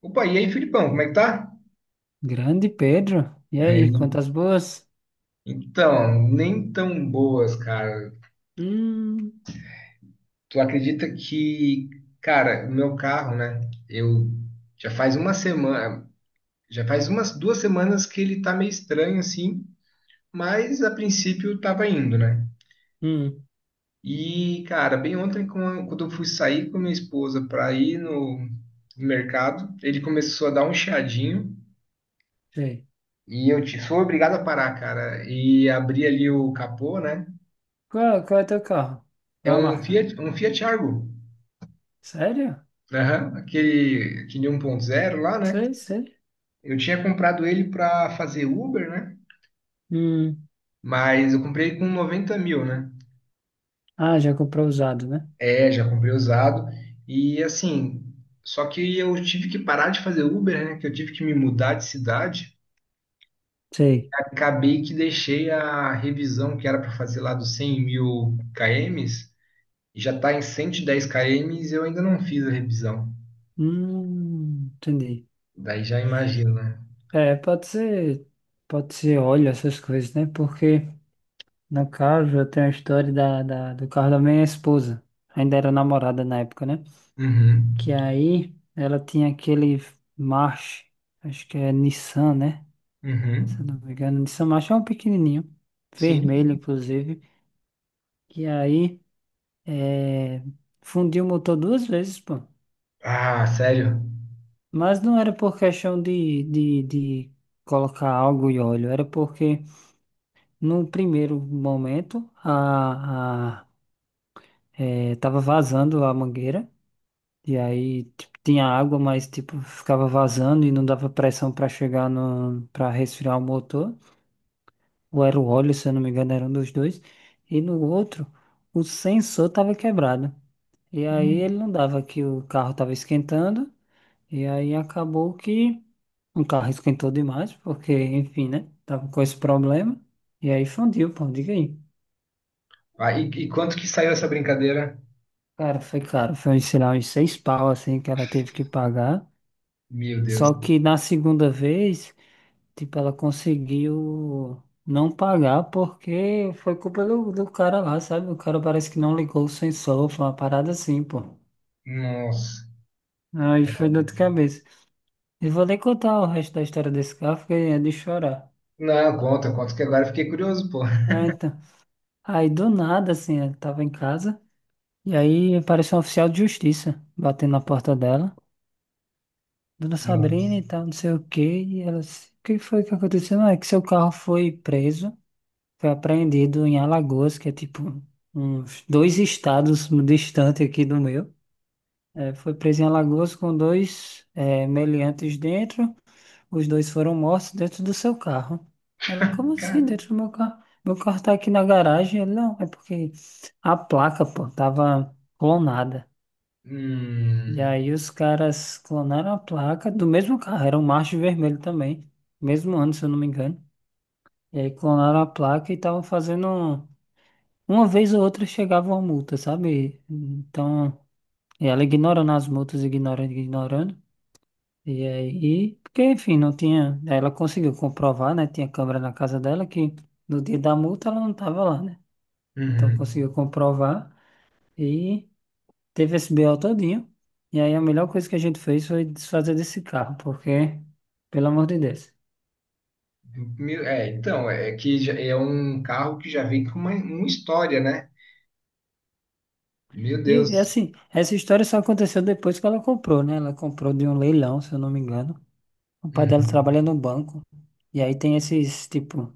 Opa, e aí, Filipão, como é que tá? Grande Pedro. E É, aí, quantas boas? então, nem tão boas, cara. Hum, Tu acredita que, cara, o meu carro, né? Eu já faz uma semana, já faz umas 2 semanas que ele tá meio estranho assim, mas a princípio tava indo, né? hum, E, cara, bem ontem, quando eu fui sair com a minha esposa pra ir no mercado, ele começou a dar um chiadinho sei. e fui obrigado a parar, cara, e abrir ali o capô, né? Qual é teu carro? É Qual é a um marca? Fiat Argo. Sério? Aham, aquele 1.0 lá, né? Sei, sei. Eu tinha comprado ele para fazer Uber, né? Hum. Mas eu comprei com 90 mil, né? Ah, já comprou usado, né? É, já comprei usado. E assim, só que eu tive que parar de fazer Uber, né? Que eu tive que me mudar de cidade. Sei. Acabei que deixei a revisão que era para fazer lá dos 100 mil km. E já tá em 110 km e eu ainda não fiz a revisão. Entendi. Daí já imagina, né? É, pode ser óleo, essas coisas, né? Porque, no caso, eu tenho a história do carro da minha esposa. Ainda era namorada na época, né? Uhum, Que aí ela tinha aquele March, acho que é Nissan, né? uhum. Se eu não me engano, de São Macho é um pequenininho, Sim. vermelho inclusive, que aí é, fundiu o motor duas vezes, pô. Ah, sério? Mas não era por questão de colocar algo e óleo, era porque no primeiro momento a, tava vazando a mangueira, e aí tipo, tinha água, mas tipo, ficava vazando e não dava pressão para chegar no, para resfriar o motor. Ou era o óleo, se eu não me engano, era um dos dois, e no outro o sensor estava quebrado. E aí ele Hum. não dava que o carro estava esquentando, e aí acabou que o carro esquentou demais, porque, enfim, né? Tava com esse problema, e aí fundiu, pô, diga aí. Ah, e quanto que saiu essa brincadeira? Cara, foi caro, foi, sei lá, uns seis pau, assim, que ela teve que pagar. Meu Deus. Só que na segunda vez. Tipo, ela conseguiu não pagar porque foi culpa do cara lá, sabe? O cara parece que não ligou o sensor, foi uma parada assim, pô. Nossa. Aí foi dor de cabeça. E vou nem contar o resto da história desse carro, porque é de chorar. Não, conta, conta que agora eu fiquei curioso, pô. É, então. Aí do nada, assim, ela tava em casa, e aí apareceu um oficial de justiça batendo na porta dela. Dona Sabrina Nossa. e tal, não sei o quê. E ela disse, o que foi que aconteceu? Não, é que seu carro foi preso. Foi apreendido em Alagoas, que é tipo uns dois estados distante aqui do meu. É, foi preso em Alagoas com dois meliantes dentro. Os dois foram mortos dentro do seu carro. Ela, como assim Cara. dentro do meu carro? Meu carro tá aqui na garagem. Ele, não, é porque a placa, pô, tava clonada. E Hum. aí os caras clonaram a placa do mesmo carro. Era um March vermelho também. Mesmo ano, se eu não me engano. E aí clonaram a placa e estavam fazendo. Uma vez ou outra chegava uma multa, sabe? Então, e ela ignorando as multas, ignorando, ignorando. E aí, porque enfim, não tinha. Ela conseguiu comprovar, né? Tinha câmera na casa dela que no dia da multa ela não estava lá, né? Então Uhum. conseguiu comprovar e teve esse BO todinho. E aí a melhor coisa que a gente fez foi desfazer desse carro, porque, pelo amor de Deus. É, então, é que é um carro que já vem com uma história, né? Meu E Deus. assim, essa história só aconteceu depois que ela comprou, né? Ela comprou de um leilão, se eu não me engano. O pai dela Uhum. trabalha no banco. E aí tem esses, tipo,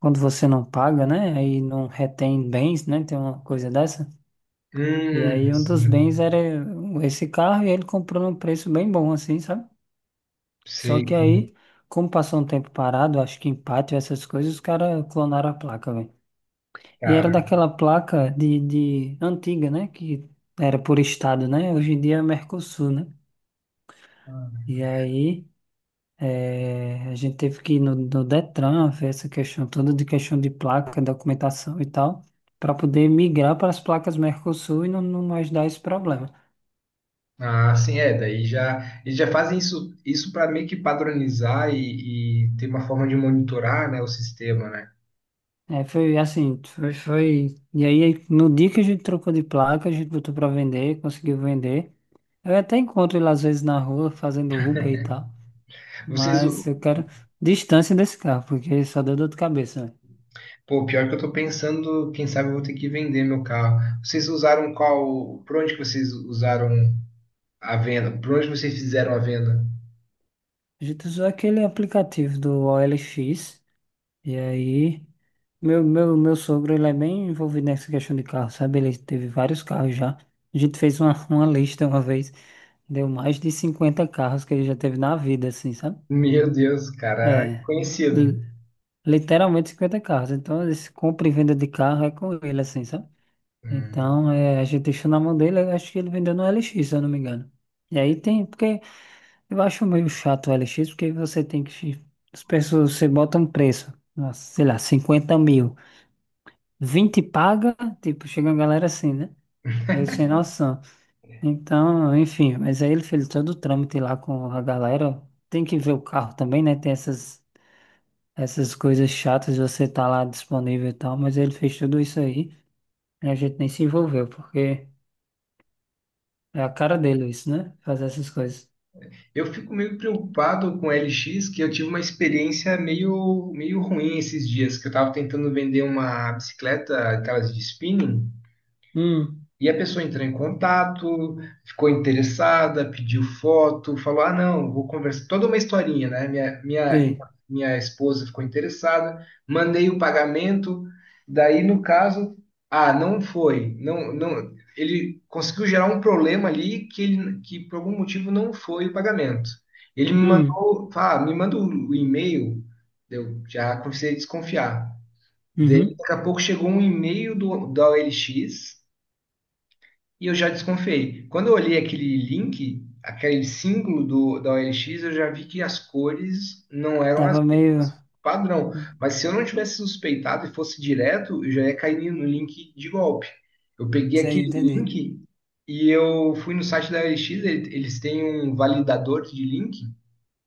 quando você não paga, né? Aí não retém bens, né? Tem uma coisa dessa. E aí um dos Sim. bens era esse carro e ele comprou num preço bem bom, assim, sabe? Só Sei, que aí, como passou um tempo parado, acho que empate, essas coisas, os caras clonaram a placa, velho. E era cara. daquela placa de antiga, né? Que era por estado, né? Hoje em dia é Mercosul, né? E aí. É, a gente teve que ir no Detran ver essa questão toda de questão de placa, documentação e tal, para poder migrar para as placas Mercosul e não mais dar esse problema. Ah, sim, é. Daí já eles já fazem isso para meio que padronizar e ter uma forma de monitorar, né, o sistema, né? É, foi assim, E aí, no dia que a gente trocou de placa, a gente botou para vender, conseguiu vender. Eu até encontro ele às vezes na rua fazendo Uber e tal, Vocês, mas eu u- quero distância desse carro, porque só deu dor de cabeça, né? Pô, pior que eu tô pensando, quem sabe eu vou ter que vender meu carro. Vocês usaram qual? Por onde que vocês usaram a venda? Por onde vocês fizeram a venda? A gente usou aquele aplicativo do OLX. E aí, meu sogro, ele é bem envolvido nessa questão de carro, sabe? Ele teve vários carros já. A gente fez uma, uma lista uma vez, deu mais de 50 carros que ele já teve na vida, assim, sabe? Meu Deus, cara, É, li- conhecido. literalmente 50 carros. Então, esse compra e venda de carro é com ele, assim, sabe? Hum. Então, é, a gente deixou na mão dele, eu acho que ele vendeu no LX, se eu não me engano. E aí tem, porque eu acho meio chato o LX, porque você tem que. As pessoas, você bota um preço, nossa, sei lá, 50 mil. 20 paga, tipo, chega uma galera assim, né? Meio sem noção. Então, enfim, mas aí ele fez todo o trâmite lá com a galera. Tem que ver o carro também, né? Tem essas coisas chatas, de você tá lá disponível e tal, mas ele fez tudo isso aí e a gente nem se envolveu, porque é a cara dele isso, né? Fazer essas coisas. Eu fico meio preocupado com LX, que eu tive uma experiência meio ruim esses dias, que eu estava tentando vender uma bicicleta, aquelas de spinning. Hum, E a pessoa entrou em contato, ficou interessada, pediu foto, falou: Ah, não, vou conversar. Toda uma historinha, né? Minha, minha, sei. minha esposa ficou interessada, mandei o pagamento. Daí, no caso, ah, não foi. Não, não, ele conseguiu gerar um problema ali que, que por algum motivo não foi o pagamento. Ele me Hum, mandou, ah, me manda o e-mail, eu já comecei a desconfiar. Daí, uhum. daqui a pouco chegou um e-mail da OLX e eu já desconfiei. Quando eu olhei aquele link, aquele símbolo da OLX, eu já vi que as cores não eram as Tava meio. mesmas padrão. Mas se eu não tivesse suspeitado e fosse direto, eu já ia cair no link de golpe. Eu peguei Sei, aquele entendi. link e eu fui no site da OLX, eles têm um validador de link,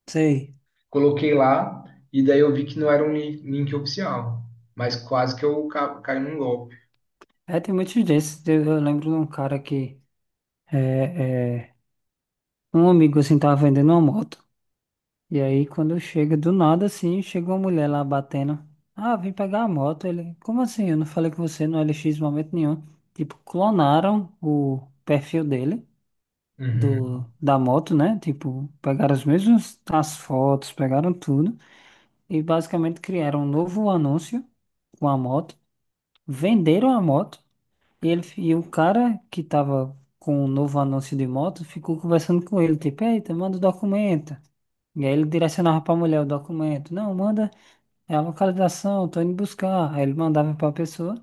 Sei. coloquei lá e daí eu vi que não era um link oficial, mas quase que eu caí num golpe. É, tem muitos desses. Eu lembro de um cara que. é, é, Um amigo assim tava vendendo uma moto. E aí quando chega do nada assim, chega uma mulher lá batendo. Ah, vim pegar a moto. Ele, como assim? Eu não falei com você no LX em momento nenhum. Tipo, clonaram o perfil dele do Uhum. da moto, né? Tipo, pegaram as mesmas as fotos, pegaram tudo e basicamente criaram um novo anúncio com a moto, venderam a moto e ele e o cara que tava com o novo anúncio de moto ficou conversando com ele, tipo, eita, manda o documento. E aí ele direcionava pra mulher o documento. Não, manda é a localização, tô indo buscar. Aí ele mandava pra pessoa.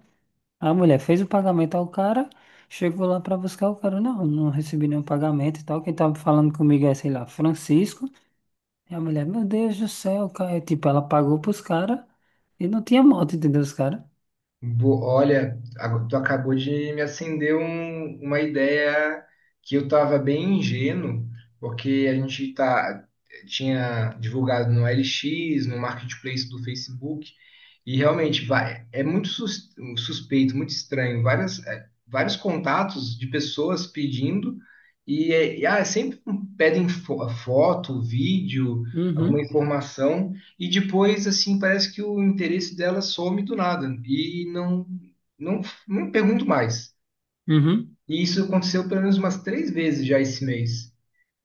A mulher fez o pagamento ao cara, chegou lá pra buscar o cara. Não, não recebi nenhum pagamento e tal. Quem tava falando comigo é, sei lá, Francisco. E a mulher, meu Deus do céu, cara. Tipo, ela pagou pros caras e não tinha moto, entendeu? Os caras. Olha, tu acabou de me acender uma ideia, que eu estava bem ingênuo, porque a gente tá, tinha divulgado no LX, no Marketplace do Facebook, e realmente vai, é muito suspeito, muito estranho, é, vários contatos de pessoas pedindo, e, ah, é sempre um, pedem foto, vídeo, alguma Uhum, informação. E depois, assim, parece que o interesse dela some do nada e não, não pergunto mais. uhum. E isso aconteceu pelo menos umas três vezes já esse mês.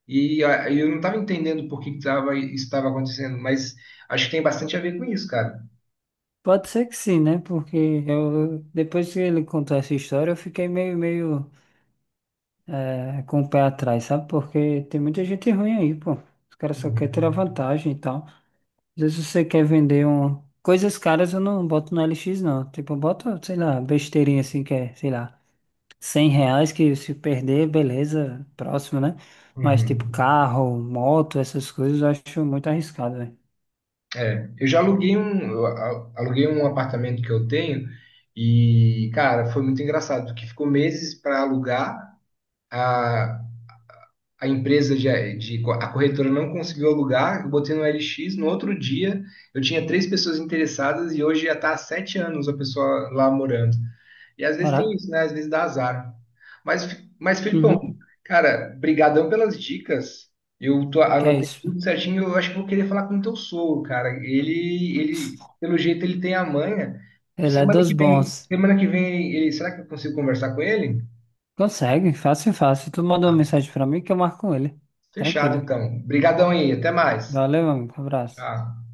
E eu não estava entendendo por que que tava, isso estava acontecendo, mas acho que tem bastante a ver com isso, cara. Pode ser que sim, né? Porque eu depois que ele contou essa história, eu fiquei meio, com o pé atrás, sabe? Porque tem muita gente ruim aí, pô. Os caras só querem tirar Uhum. vantagem e tal. Às vezes você quer vender um. Coisas caras eu não boto no LX, não. Tipo, eu boto, sei lá, besteirinha assim, que é, sei lá, R$ 100 que se perder, beleza, próximo, né? Mas Uhum. tipo, carro, moto, essas coisas eu acho muito arriscado, velho. É, eu já aluguei um, eu a- aluguei um apartamento que eu tenho e, cara, foi muito engraçado, que ficou meses para alugar. Ah, a empresa a corretora não conseguiu alugar, eu botei no LX, no outro dia eu tinha três pessoas interessadas e hoje já está há 7 anos a pessoa lá morando. E às vezes tem Caraca. isso, né? Às vezes dá azar. Mas, mas Felipão, Uhum. cara, brigadão pelas dicas. Eu tô, Que é anotei isso? tudo certinho, eu acho que vou querer falar com o teu sogro, cara. Ele, pelo jeito, ele tem a manha. Ele é dos bons. Semana que vem, será que eu consigo conversar com ele? Consegue, fácil, fácil. Tu manda uma mensagem pra mim que eu marco com ele. Fechado, Tranquilo. então. Brigadão aí, até mais. Valeu, amigo. Abraço. Tchau.